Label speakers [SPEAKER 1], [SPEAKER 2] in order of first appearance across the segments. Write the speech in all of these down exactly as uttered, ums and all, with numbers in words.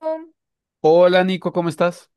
[SPEAKER 1] Bueno.
[SPEAKER 2] Hola Nico, ¿cómo estás?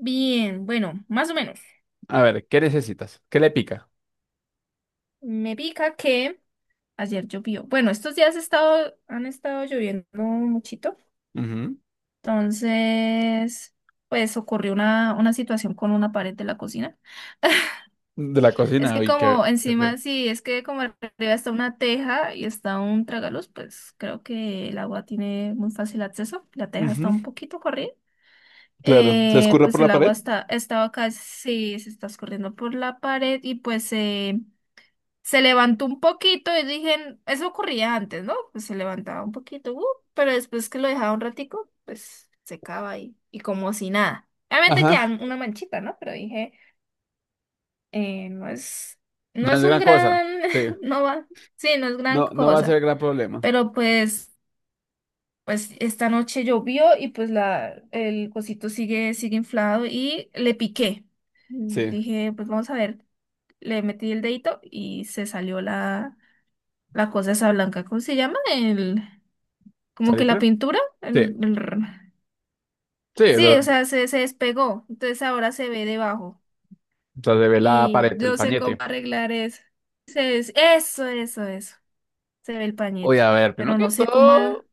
[SPEAKER 1] Bien, bueno, más o menos.
[SPEAKER 2] A ver, ¿qué necesitas? ¿Qué le pica?
[SPEAKER 1] Me pica que ayer llovió. Bueno, estos días ha estado, han estado lloviendo muchito.
[SPEAKER 2] Ujú.
[SPEAKER 1] Entonces, pues ocurrió una, una situación con una pared de la cocina.
[SPEAKER 2] De la
[SPEAKER 1] Es
[SPEAKER 2] cocina,
[SPEAKER 1] que
[SPEAKER 2] uy, qué,
[SPEAKER 1] como
[SPEAKER 2] qué feo.
[SPEAKER 1] encima, sí, es que como arriba está una teja y está un tragaluz, pues creo que el agua tiene muy fácil acceso. La teja está
[SPEAKER 2] Ujú,
[SPEAKER 1] un poquito corrida.
[SPEAKER 2] claro, se
[SPEAKER 1] Eh,
[SPEAKER 2] escurre por
[SPEAKER 1] pues el
[SPEAKER 2] la
[SPEAKER 1] agua
[SPEAKER 2] pared.
[SPEAKER 1] está, estaba casi, se está escurriendo por la pared y pues... eh, Se levantó un poquito y dije, eso ocurría antes, ¿no? Pues se levantaba un poquito, uh, pero después que lo dejaba un ratico, pues secaba ahí y como si nada. Obviamente queda
[SPEAKER 2] Ajá,
[SPEAKER 1] una manchita, ¿no? Pero dije, eh, no es, no
[SPEAKER 2] no
[SPEAKER 1] es
[SPEAKER 2] es
[SPEAKER 1] un
[SPEAKER 2] gran cosa.
[SPEAKER 1] gran,
[SPEAKER 2] Sí,
[SPEAKER 1] no va, sí, no es gran
[SPEAKER 2] no, no va a ser
[SPEAKER 1] cosa.
[SPEAKER 2] gran problema.
[SPEAKER 1] Pero pues, pues esta noche llovió y pues la, el cosito sigue, sigue inflado y le piqué.
[SPEAKER 2] Sí,
[SPEAKER 1] Dije, pues vamos a ver, le metí el dedito y se salió la la cosa esa blanca, ¿cómo se llama? El, como que la
[SPEAKER 2] ¿salitre?
[SPEAKER 1] pintura,
[SPEAKER 2] Sí,
[SPEAKER 1] el, el r-
[SPEAKER 2] sí, lo,
[SPEAKER 1] sí,
[SPEAKER 2] o
[SPEAKER 1] o sea, se, se despegó, entonces ahora se ve debajo
[SPEAKER 2] sea, se ve la
[SPEAKER 1] y
[SPEAKER 2] pared, el
[SPEAKER 1] no sé cómo
[SPEAKER 2] pañete.
[SPEAKER 1] arreglar eso. Se es- eso, eso, eso, se ve el
[SPEAKER 2] Oye, a
[SPEAKER 1] pañete,
[SPEAKER 2] ver, primero
[SPEAKER 1] pero
[SPEAKER 2] que
[SPEAKER 1] no sé cómo... a-
[SPEAKER 2] todo,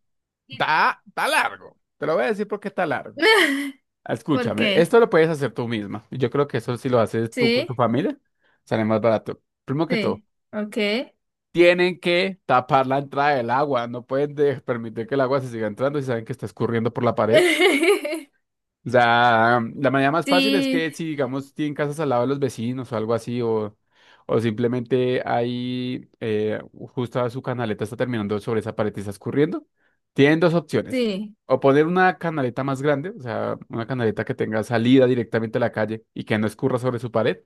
[SPEAKER 2] está, está largo. Te lo voy a decir porque está largo.
[SPEAKER 1] ¿Por
[SPEAKER 2] Escúchame,
[SPEAKER 1] qué?
[SPEAKER 2] esto lo puedes hacer tú misma. Yo creo que eso si lo haces tú con
[SPEAKER 1] Sí,
[SPEAKER 2] tu familia, sale más barato. Primero que todo,
[SPEAKER 1] sí, ok.
[SPEAKER 2] tienen que tapar la entrada del agua, no pueden de- permitir que el agua se siga entrando si saben que está escurriendo por la pared. O sea, la manera más fácil es
[SPEAKER 1] Sí,
[SPEAKER 2] que si, digamos, tienen casas al lado de los vecinos o algo así, o, o simplemente ahí, eh, justo su canaleta está terminando sobre esa pared y está escurriendo, tienen dos opciones.
[SPEAKER 1] sí,
[SPEAKER 2] O poner una canaleta más grande, o sea, una canaleta que tenga salida directamente a la calle y que no escurra sobre su pared.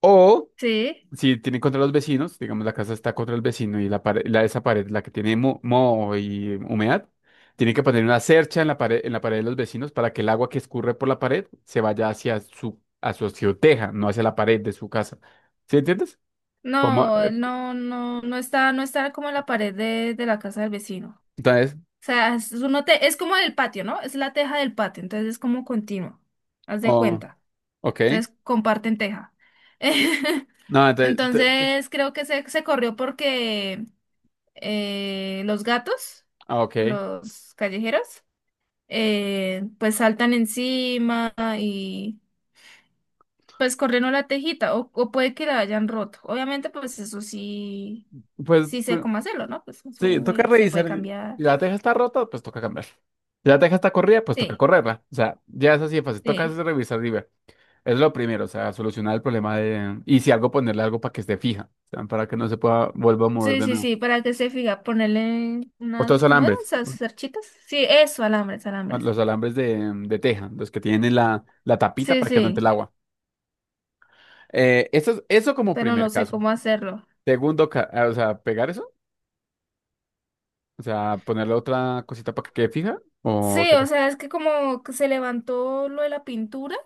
[SPEAKER 2] O
[SPEAKER 1] sí.
[SPEAKER 2] si tiene contra los vecinos, digamos la casa está contra el vecino y la pared, la, esa pared, la que tiene mo- moho y humedad, tiene que poner una cercha en la pared, en la pared de los vecinos para que el agua que escurre por la pared se vaya hacia su, a su azoteja, no hacia la pared de su casa. ¿Sí entiendes? Como,
[SPEAKER 1] No,
[SPEAKER 2] eh,
[SPEAKER 1] no, no, no está, no está como en la pared de, de la casa del vecino.
[SPEAKER 2] entonces,
[SPEAKER 1] Sea, es, uno te- es como el patio, ¿no? Es la teja del patio, entonces es como continuo, haz de
[SPEAKER 2] oh,
[SPEAKER 1] cuenta.
[SPEAKER 2] ok.
[SPEAKER 1] Entonces comparten teja.
[SPEAKER 2] No, entonces, te- te-
[SPEAKER 1] Entonces creo que se, se corrió porque eh, los gatos,
[SPEAKER 2] ah, ok.
[SPEAKER 1] los callejeros, eh, pues saltan encima y pues corrieron la tejita o, o puede que la hayan roto. Obviamente pues eso sí,
[SPEAKER 2] Pues,
[SPEAKER 1] sí sé
[SPEAKER 2] pues,
[SPEAKER 1] cómo hacerlo, ¿no? Pues
[SPEAKER 2] sí, toca
[SPEAKER 1] sube, se puede
[SPEAKER 2] revisar. Si
[SPEAKER 1] cambiar.
[SPEAKER 2] la teja está rota, pues toca cambiar. Si la teja está corrida, pues toca
[SPEAKER 1] Sí,
[SPEAKER 2] correrla. O sea, ya es así de fácil. Toca es
[SPEAKER 1] sí.
[SPEAKER 2] revisar y ver. Es lo primero, o sea, solucionar el problema de... Y si algo, ponerle algo para que esté fija, o sea, para que no se pueda, vuelva a mover
[SPEAKER 1] Sí,
[SPEAKER 2] de
[SPEAKER 1] sí,
[SPEAKER 2] nuevo.
[SPEAKER 1] sí, para que se fija, ponerle
[SPEAKER 2] Otros
[SPEAKER 1] unas, ¿cómo eran?
[SPEAKER 2] alambres,
[SPEAKER 1] ¿Esas cerchitas? Sí, eso, alambres,
[SPEAKER 2] bueno,
[SPEAKER 1] alambres.
[SPEAKER 2] los alambres de, de teja, los que tienen la, la tapita
[SPEAKER 1] Sí,
[SPEAKER 2] para que no entre
[SPEAKER 1] sí,
[SPEAKER 2] el agua. Eh, eso, es- eso como
[SPEAKER 1] pero
[SPEAKER 2] primer
[SPEAKER 1] no sé
[SPEAKER 2] caso.
[SPEAKER 1] cómo hacerlo.
[SPEAKER 2] Segundo, ca- ah, o sea, pegar eso, o sea, ponerle otra cosita para que quede fija. O...
[SPEAKER 1] Sí, o sea, es que como que se levantó lo de la pintura,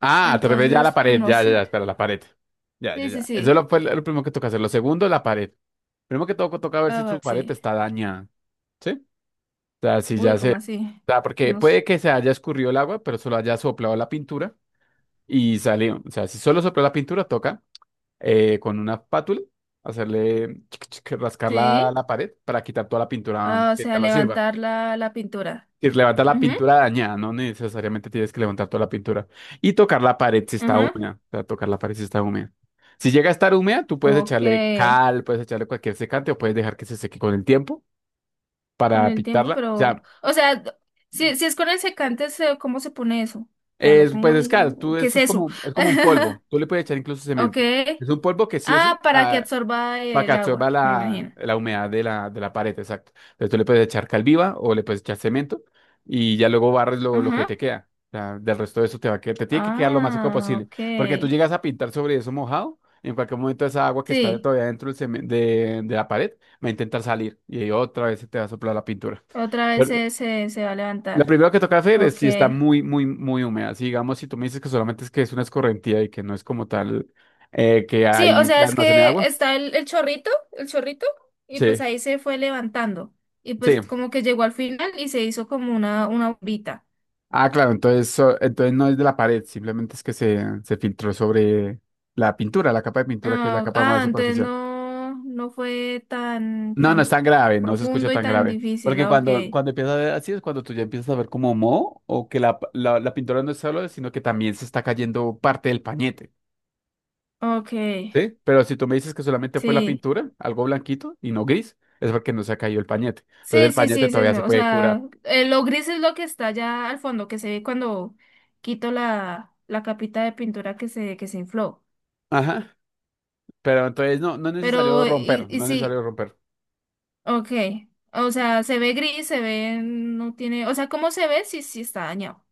[SPEAKER 2] Ah, te refieres ya a la
[SPEAKER 1] entonces, pues
[SPEAKER 2] pared,
[SPEAKER 1] no
[SPEAKER 2] ya, ya, ya,
[SPEAKER 1] sé.
[SPEAKER 2] espera, la pared. Ya, ya,
[SPEAKER 1] Sí, sí,
[SPEAKER 2] ya. Eso
[SPEAKER 1] sí,
[SPEAKER 2] lo- fue lo primero que toca hacer. Lo segundo, la pared. Primero que todo, toca ver
[SPEAKER 1] ah,
[SPEAKER 2] si su
[SPEAKER 1] va,
[SPEAKER 2] pared
[SPEAKER 1] sí.
[SPEAKER 2] está dañada. ¿Sí? Sea, si
[SPEAKER 1] Uy,
[SPEAKER 2] ya se...
[SPEAKER 1] ¿cómo
[SPEAKER 2] O
[SPEAKER 1] así?
[SPEAKER 2] sea, porque
[SPEAKER 1] No sé.
[SPEAKER 2] puede que se haya escurrido el agua, pero solo haya soplado la pintura y salió. O sea, si solo sopló la pintura, toca eh, con una espátula hacerle chic, chic, rascar la,
[SPEAKER 1] Sí,
[SPEAKER 2] la pared para quitar toda la pintura
[SPEAKER 1] ah, o
[SPEAKER 2] que
[SPEAKER 1] sea,
[SPEAKER 2] ya no sirva.
[SPEAKER 1] levantar la, la pintura.
[SPEAKER 2] Y levanta la
[SPEAKER 1] Ujú,
[SPEAKER 2] pintura dañada, no necesariamente tienes que levantar toda la pintura. Y tocar la pared si está
[SPEAKER 1] ajá,
[SPEAKER 2] húmeda. O sea, tocar la pared si está húmeda. Si llega a estar húmeda, tú puedes
[SPEAKER 1] ok.
[SPEAKER 2] echarle cal, puedes echarle cualquier secante o puedes dejar que se seque con el tiempo
[SPEAKER 1] Con
[SPEAKER 2] para
[SPEAKER 1] el tiempo,
[SPEAKER 2] pintarla. O
[SPEAKER 1] pero,
[SPEAKER 2] sea,
[SPEAKER 1] o sea, si, si es con el secante, se- ¿cómo se pone eso? O sea, lo
[SPEAKER 2] es,
[SPEAKER 1] pongo
[SPEAKER 2] pues es claro,
[SPEAKER 1] ahí,
[SPEAKER 2] tú,
[SPEAKER 1] ¿qué es
[SPEAKER 2] eso es
[SPEAKER 1] eso?
[SPEAKER 2] como, es como un polvo. Tú le puedes echar incluso
[SPEAKER 1] Ok.
[SPEAKER 2] cemento. Es un polvo que sí o sí
[SPEAKER 1] Ah, para que
[SPEAKER 2] ah,
[SPEAKER 1] absorba
[SPEAKER 2] para que
[SPEAKER 1] el
[SPEAKER 2] absorba
[SPEAKER 1] agua, me
[SPEAKER 2] la,
[SPEAKER 1] imagino.
[SPEAKER 2] la humedad de la, de la pared, exacto. Entonces tú le puedes echar cal viva o le puedes echar cemento y ya luego barres lo, lo que
[SPEAKER 1] Ajá.
[SPEAKER 2] te queda. O sea, del resto de eso te va a quedar, te tiene que quedar lo más seco
[SPEAKER 1] Ah,
[SPEAKER 2] posible.
[SPEAKER 1] ok.
[SPEAKER 2] Porque tú llegas a pintar sobre eso mojado, en cualquier momento esa agua que está
[SPEAKER 1] Sí,
[SPEAKER 2] todavía dentro del cemen- de, de la pared va a intentar salir y ahí otra vez se te va a soplar la pintura.
[SPEAKER 1] otra vez se, se, se va a
[SPEAKER 2] Lo
[SPEAKER 1] levantar.
[SPEAKER 2] primero que toca hacer es
[SPEAKER 1] Ok.
[SPEAKER 2] si está muy, muy, muy húmeda. Si digamos, si tú me dices que solamente es que es una escorrentía y que no es como tal eh, que
[SPEAKER 1] Sí, o
[SPEAKER 2] ahí se
[SPEAKER 1] sea, es
[SPEAKER 2] almacene
[SPEAKER 1] que
[SPEAKER 2] agua.
[SPEAKER 1] está el, el chorrito, el chorrito, y pues
[SPEAKER 2] Sí,
[SPEAKER 1] ahí se fue levantando. Y pues
[SPEAKER 2] sí.
[SPEAKER 1] como que llegó al final y se hizo como una, una bombita.
[SPEAKER 2] Ah, claro, entonces, so- entonces no es de la pared, simplemente es que se, se filtró sobre la pintura, la capa de pintura, que es la
[SPEAKER 1] Ah,
[SPEAKER 2] capa más
[SPEAKER 1] ah, entonces
[SPEAKER 2] superficial.
[SPEAKER 1] no, no fue tan,
[SPEAKER 2] No, no es
[SPEAKER 1] tan
[SPEAKER 2] tan grave, no se escucha
[SPEAKER 1] profundo y
[SPEAKER 2] tan
[SPEAKER 1] tan
[SPEAKER 2] grave.
[SPEAKER 1] difícil.
[SPEAKER 2] Porque
[SPEAKER 1] Ok,
[SPEAKER 2] cuando, cuando empiezas a ver así es cuando tú ya empiezas a ver como moho o que la, la, la pintura no es solo, sino que también se está cayendo parte del pañete.
[SPEAKER 1] ok,
[SPEAKER 2] ¿Sí? Pero si tú me dices que solamente fue la
[SPEAKER 1] sí,
[SPEAKER 2] pintura, algo blanquito y no gris, es porque no se ha caído el pañete. Entonces
[SPEAKER 1] sí,
[SPEAKER 2] el
[SPEAKER 1] sí, sí,
[SPEAKER 2] pañete
[SPEAKER 1] es
[SPEAKER 2] todavía
[SPEAKER 1] ese.
[SPEAKER 2] se
[SPEAKER 1] O
[SPEAKER 2] puede
[SPEAKER 1] sea,
[SPEAKER 2] curar.
[SPEAKER 1] eh, lo gris es lo que está allá al fondo, que se ve cuando quito la, la capita de pintura que se, que se infló.
[SPEAKER 2] Ajá, pero entonces no, no es necesario
[SPEAKER 1] Pero, y,
[SPEAKER 2] romper,
[SPEAKER 1] y
[SPEAKER 2] no es necesario
[SPEAKER 1] sí,
[SPEAKER 2] romper.
[SPEAKER 1] ok. O sea, se ve gris, se ve, no tiene, o sea, ¿cómo se ve? Sí, sí está dañado.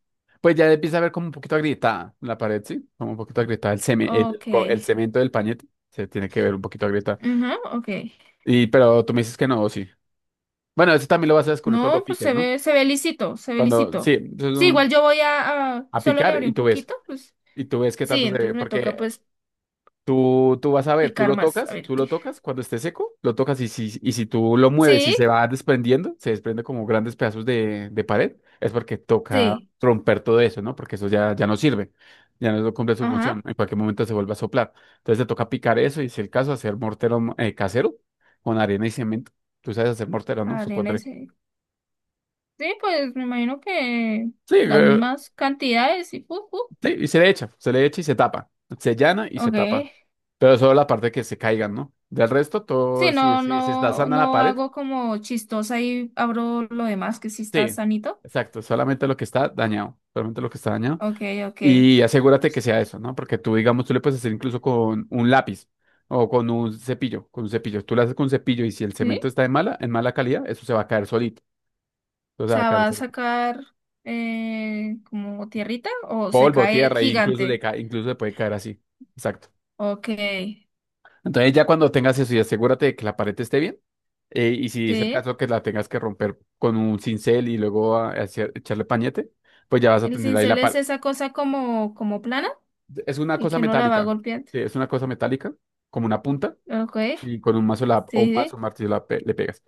[SPEAKER 2] Pues ya empieza a ver como un poquito agrietada la pared, ¿sí? Como un poquito agrietada el, ceme- el,
[SPEAKER 1] Ok,
[SPEAKER 2] co- el cemento del pañete. Se tiene que ver un poquito agrietada.
[SPEAKER 1] ajá, ok.
[SPEAKER 2] Y, pero tú me dices que no, sí. Bueno, eso también lo vas a descubrir cuando
[SPEAKER 1] No, pues
[SPEAKER 2] piques,
[SPEAKER 1] se
[SPEAKER 2] ¿no?
[SPEAKER 1] ve, se ve lisito, se ve
[SPEAKER 2] Cuando, sí,
[SPEAKER 1] lisito.
[SPEAKER 2] eso es
[SPEAKER 1] Sí, igual
[SPEAKER 2] un-
[SPEAKER 1] yo voy a, a-
[SPEAKER 2] a
[SPEAKER 1] solo le
[SPEAKER 2] picar
[SPEAKER 1] abrí
[SPEAKER 2] y
[SPEAKER 1] un
[SPEAKER 2] tú ves.
[SPEAKER 1] poquito, pues
[SPEAKER 2] Y tú ves qué
[SPEAKER 1] sí,
[SPEAKER 2] tanto se ve.
[SPEAKER 1] entonces me toca
[SPEAKER 2] Porque
[SPEAKER 1] pues
[SPEAKER 2] Tú, tú vas a ver, tú
[SPEAKER 1] picar
[SPEAKER 2] lo
[SPEAKER 1] más, a
[SPEAKER 2] tocas,
[SPEAKER 1] ver
[SPEAKER 2] tú lo
[SPEAKER 1] qué.
[SPEAKER 2] tocas cuando esté seco, lo tocas y si, y si tú lo mueves y
[SPEAKER 1] Sí,
[SPEAKER 2] se va desprendiendo, se desprende como grandes pedazos de, de pared, es porque toca
[SPEAKER 1] sí,
[SPEAKER 2] romper todo eso, ¿no? Porque eso ya, ya no sirve, ya no cumple su función,
[SPEAKER 1] ajá,
[SPEAKER 2] en cualquier momento se vuelve a soplar. Entonces te toca picar eso y si el caso, hacer mortero eh, casero con arena y cemento. Tú sabes hacer mortero, ¿no?
[SPEAKER 1] arena
[SPEAKER 2] Supondré.
[SPEAKER 1] ese. Sí, pues me imagino que
[SPEAKER 2] Sí,
[SPEAKER 1] las
[SPEAKER 2] eh,
[SPEAKER 1] mismas cantidades y pu, pu.
[SPEAKER 2] sí, y se le echa, se le echa y se tapa, se llana y se tapa.
[SPEAKER 1] Ok.
[SPEAKER 2] Pero solo la parte que se caigan, ¿no? Del resto,
[SPEAKER 1] Sí,
[SPEAKER 2] todo, si,
[SPEAKER 1] no,
[SPEAKER 2] si, si está
[SPEAKER 1] no,
[SPEAKER 2] sana la
[SPEAKER 1] no
[SPEAKER 2] pared,
[SPEAKER 1] hago como chistosa y abro lo demás que sí está
[SPEAKER 2] sí,
[SPEAKER 1] sanito.
[SPEAKER 2] exacto, solamente lo que está dañado, solamente lo que está dañado.
[SPEAKER 1] Ok, ok.
[SPEAKER 2] Y asegúrate que sea eso, ¿no? Porque tú, digamos, tú le puedes hacer incluso con un lápiz o con un cepillo, con un cepillo. Tú lo haces con un cepillo y si el
[SPEAKER 1] Sí,
[SPEAKER 2] cemento
[SPEAKER 1] o
[SPEAKER 2] está en mala, en mala calidad, eso se va a caer solito. Eso se va a
[SPEAKER 1] sea,
[SPEAKER 2] caer
[SPEAKER 1] va a
[SPEAKER 2] solito.
[SPEAKER 1] sacar eh, como tierrita o se
[SPEAKER 2] Polvo,
[SPEAKER 1] cae
[SPEAKER 2] tierra, e incluso, le
[SPEAKER 1] gigante.
[SPEAKER 2] ca- incluso le puede caer así. Exacto.
[SPEAKER 1] Ok,
[SPEAKER 2] Entonces ya cuando tengas eso y asegúrate de que la pared esté bien, eh, y si es el
[SPEAKER 1] sí.
[SPEAKER 2] caso que la tengas que romper con un cincel y luego a- hacer- echarle pañete, pues ya vas a
[SPEAKER 1] El
[SPEAKER 2] tener ahí
[SPEAKER 1] cincel
[SPEAKER 2] la,
[SPEAKER 1] es
[SPEAKER 2] pa-
[SPEAKER 1] esa cosa como, como plana
[SPEAKER 2] Es una
[SPEAKER 1] y
[SPEAKER 2] cosa
[SPEAKER 1] que uno la va
[SPEAKER 2] metálica.
[SPEAKER 1] golpeando.
[SPEAKER 2] Sí, es una cosa metálica, como una punta,
[SPEAKER 1] Ok,
[SPEAKER 2] y con un mazo la- o un
[SPEAKER 1] sí,
[SPEAKER 2] mazo,
[SPEAKER 1] sí.
[SPEAKER 2] un martillo la pe- le pegas.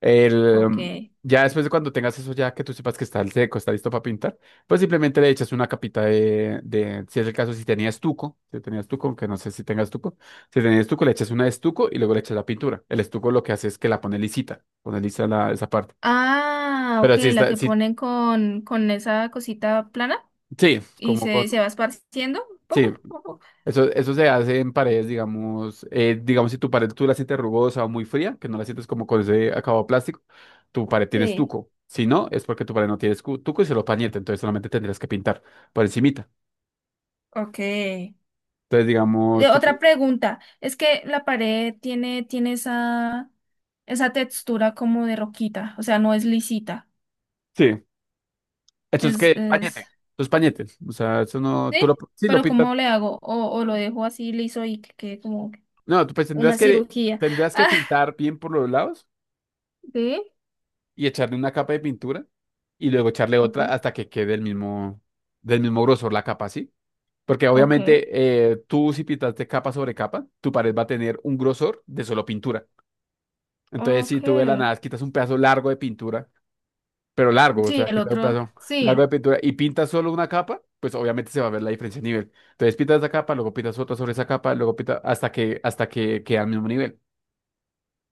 [SPEAKER 2] El,
[SPEAKER 1] Ok.
[SPEAKER 2] mm, ya después de cuando tengas eso, ya que tú sepas que está el seco, está listo para pintar, pues simplemente le echas una capita de, de, si es el caso, si tenías estuco, si tenías estuco, aunque no sé si tengas estuco, si tenías estuco, le echas una de estuco y luego le echas la pintura. El estuco lo que hace es que la pone lisita, pone lisa la- esa parte.
[SPEAKER 1] Ah, ok,
[SPEAKER 2] Pero si
[SPEAKER 1] la
[SPEAKER 2] está,
[SPEAKER 1] que
[SPEAKER 2] si,
[SPEAKER 1] ponen con, con esa cosita plana
[SPEAKER 2] sí,
[SPEAKER 1] y
[SPEAKER 2] como con,
[SPEAKER 1] se, se va esparciendo. Pu,
[SPEAKER 2] sí,
[SPEAKER 1] pu, pu, pu, pu.
[SPEAKER 2] Eso, eso se hace en paredes, digamos, eh, digamos si tu pared tú la sientes rugosa o muy fría, que no la sientes como con ese acabado plástico, tu pared tiene
[SPEAKER 1] Sí,
[SPEAKER 2] estuco. Si no, es porque tu pared no tiene escu- estuco y se lo pañete, entonces solamente tendrías que pintar por encimita.
[SPEAKER 1] ok. Eh,
[SPEAKER 2] Entonces, digamos, tú que-
[SPEAKER 1] otra pregunta, es que la pared tiene, tiene esa, esa textura como de roquita, o sea, no es lisita,
[SPEAKER 2] Sí, eso es
[SPEAKER 1] es,
[SPEAKER 2] que pañete,
[SPEAKER 1] es...
[SPEAKER 2] eso es pañete, o sea, eso no,
[SPEAKER 1] Sí,
[SPEAKER 2] tú lo, sí lo
[SPEAKER 1] pero
[SPEAKER 2] pintas,
[SPEAKER 1] ¿cómo le hago? O, o lo dejo así liso y que quede como
[SPEAKER 2] no, tú pues
[SPEAKER 1] una
[SPEAKER 2] tendrás que,
[SPEAKER 1] cirugía.
[SPEAKER 2] tendrás que
[SPEAKER 1] Ah,
[SPEAKER 2] pintar bien por los lados
[SPEAKER 1] sí,
[SPEAKER 2] y echarle una capa de pintura y luego echarle
[SPEAKER 1] ok,
[SPEAKER 2] otra hasta que quede el mismo, del mismo grosor la capa, ¿sí? Porque
[SPEAKER 1] ok,
[SPEAKER 2] obviamente eh, tú si pintaste capa sobre capa, tu pared va a tener un grosor de solo pintura. Entonces si
[SPEAKER 1] ok.
[SPEAKER 2] tú de la nada quitas un pedazo largo de pintura, pero largo, o
[SPEAKER 1] Sí,
[SPEAKER 2] sea,
[SPEAKER 1] el
[SPEAKER 2] quitas un
[SPEAKER 1] otro,
[SPEAKER 2] pedazo largo de
[SPEAKER 1] sí,
[SPEAKER 2] pintura y pintas solo una capa, pues obviamente se va a ver la diferencia de nivel. Entonces pintas esa capa, luego pintas otra sobre esa capa, luego pintas hasta que, hasta que queda al mismo nivel.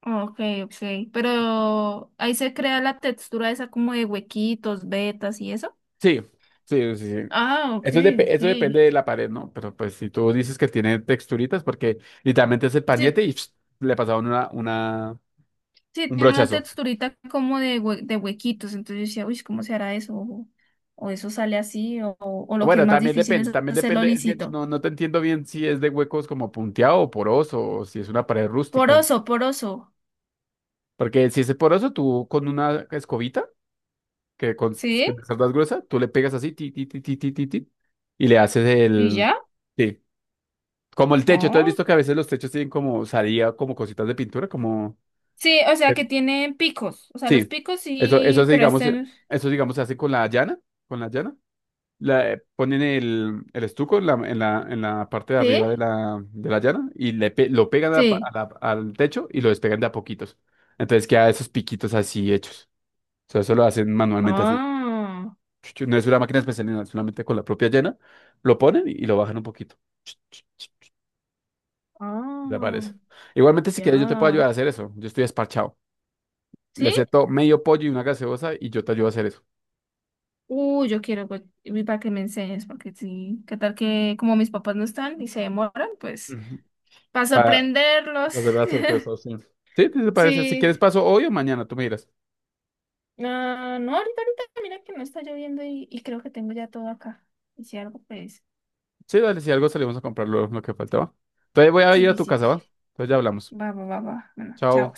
[SPEAKER 1] ok, ok. Pero ahí se crea la textura esa como de huequitos, vetas y eso.
[SPEAKER 2] Sí, sí, sí, sí.
[SPEAKER 1] Ah, ok,
[SPEAKER 2] Eso, es depe-
[SPEAKER 1] ok.
[SPEAKER 2] eso depende de la pared, ¿no? Pero pues si tú dices que tiene texturitas, porque literalmente es el
[SPEAKER 1] Sí,
[SPEAKER 2] pañete y le pasaron una, una,
[SPEAKER 1] sí,
[SPEAKER 2] un
[SPEAKER 1] tiene una
[SPEAKER 2] brochazo.
[SPEAKER 1] texturita como de, hue- de huequitos. Entonces yo decía, uy, ¿cómo se hará eso? O, o eso sale así, o, o lo que es
[SPEAKER 2] Bueno,
[SPEAKER 1] más
[SPEAKER 2] también
[SPEAKER 1] difícil
[SPEAKER 2] depende,
[SPEAKER 1] es
[SPEAKER 2] también
[SPEAKER 1] hacerlo
[SPEAKER 2] depende, es que
[SPEAKER 1] lisito.
[SPEAKER 2] no, no te entiendo bien si es de huecos como punteado o poroso, o si es una pared rústica.
[SPEAKER 1] Poroso, poroso.
[SPEAKER 2] Porque si es poroso, tú con una escobita, que con
[SPEAKER 1] Sí,
[SPEAKER 2] que te cerdas gruesa, tú le pegas así, ti, ti, ti, ti, ti, ti, ti, y le haces
[SPEAKER 1] y
[SPEAKER 2] el,
[SPEAKER 1] ya.
[SPEAKER 2] sí, como el techo. ¿Tú has
[SPEAKER 1] Oh.
[SPEAKER 2] visto que a veces los techos tienen como salida, como cositas de pintura, como,
[SPEAKER 1] Sí, o sea que tienen picos. O sea, los
[SPEAKER 2] sí,
[SPEAKER 1] picos
[SPEAKER 2] eso, eso
[SPEAKER 1] sí,
[SPEAKER 2] se,
[SPEAKER 1] pero
[SPEAKER 2] digamos, eh,
[SPEAKER 1] este.
[SPEAKER 2] eso digamos se hace con la llana, con la llana. La, eh, ponen el, el estuco en la, en la, en la parte de
[SPEAKER 1] Sí,
[SPEAKER 2] arriba de la, de la llana y le pe- lo pegan a la pa- a
[SPEAKER 1] sí.
[SPEAKER 2] la- al techo y lo despegan de a poquitos. Entonces queda esos piquitos así hechos. O sea, eso lo hacen manualmente así.
[SPEAKER 1] Ah,
[SPEAKER 2] Ch- ch- No es una máquina especial, no, solamente con la propia llana lo ponen y lo bajan un poquito. Ch- ch- ch-
[SPEAKER 1] ah,
[SPEAKER 2] Desaparece. Igualmente, si quieres, yo te puedo ayudar a
[SPEAKER 1] ya.
[SPEAKER 2] hacer eso. Yo estoy esparchado. Le
[SPEAKER 1] ¿Sí?
[SPEAKER 2] acepto medio pollo y una gaseosa y yo te ayudo a hacer eso.
[SPEAKER 1] Uy, yo quiero pues, y para que me enseñes, porque sí. ¿Qué tal que como mis papás no están y se demoran? Pues
[SPEAKER 2] Ujú.
[SPEAKER 1] para
[SPEAKER 2] Para
[SPEAKER 1] sorprenderlos.
[SPEAKER 2] volver a sorpresas sí. Sí, ¿te parece? Si
[SPEAKER 1] Sí.
[SPEAKER 2] quieres, paso hoy o mañana, tú me dirás.
[SPEAKER 1] Ah, no, ahorita, ahorita, mira que no está lloviendo y, y creo que tengo ya todo acá. Y si algo, pues,
[SPEAKER 2] Sí, dale, si algo salimos a comprar lo, lo que faltaba. Entonces voy a
[SPEAKER 1] sí,
[SPEAKER 2] ir a
[SPEAKER 1] sí,
[SPEAKER 2] tu
[SPEAKER 1] sí.
[SPEAKER 2] casa, ¿va? Entonces ya hablamos.
[SPEAKER 1] Va, va, va, va. Bueno, chao.
[SPEAKER 2] Chao.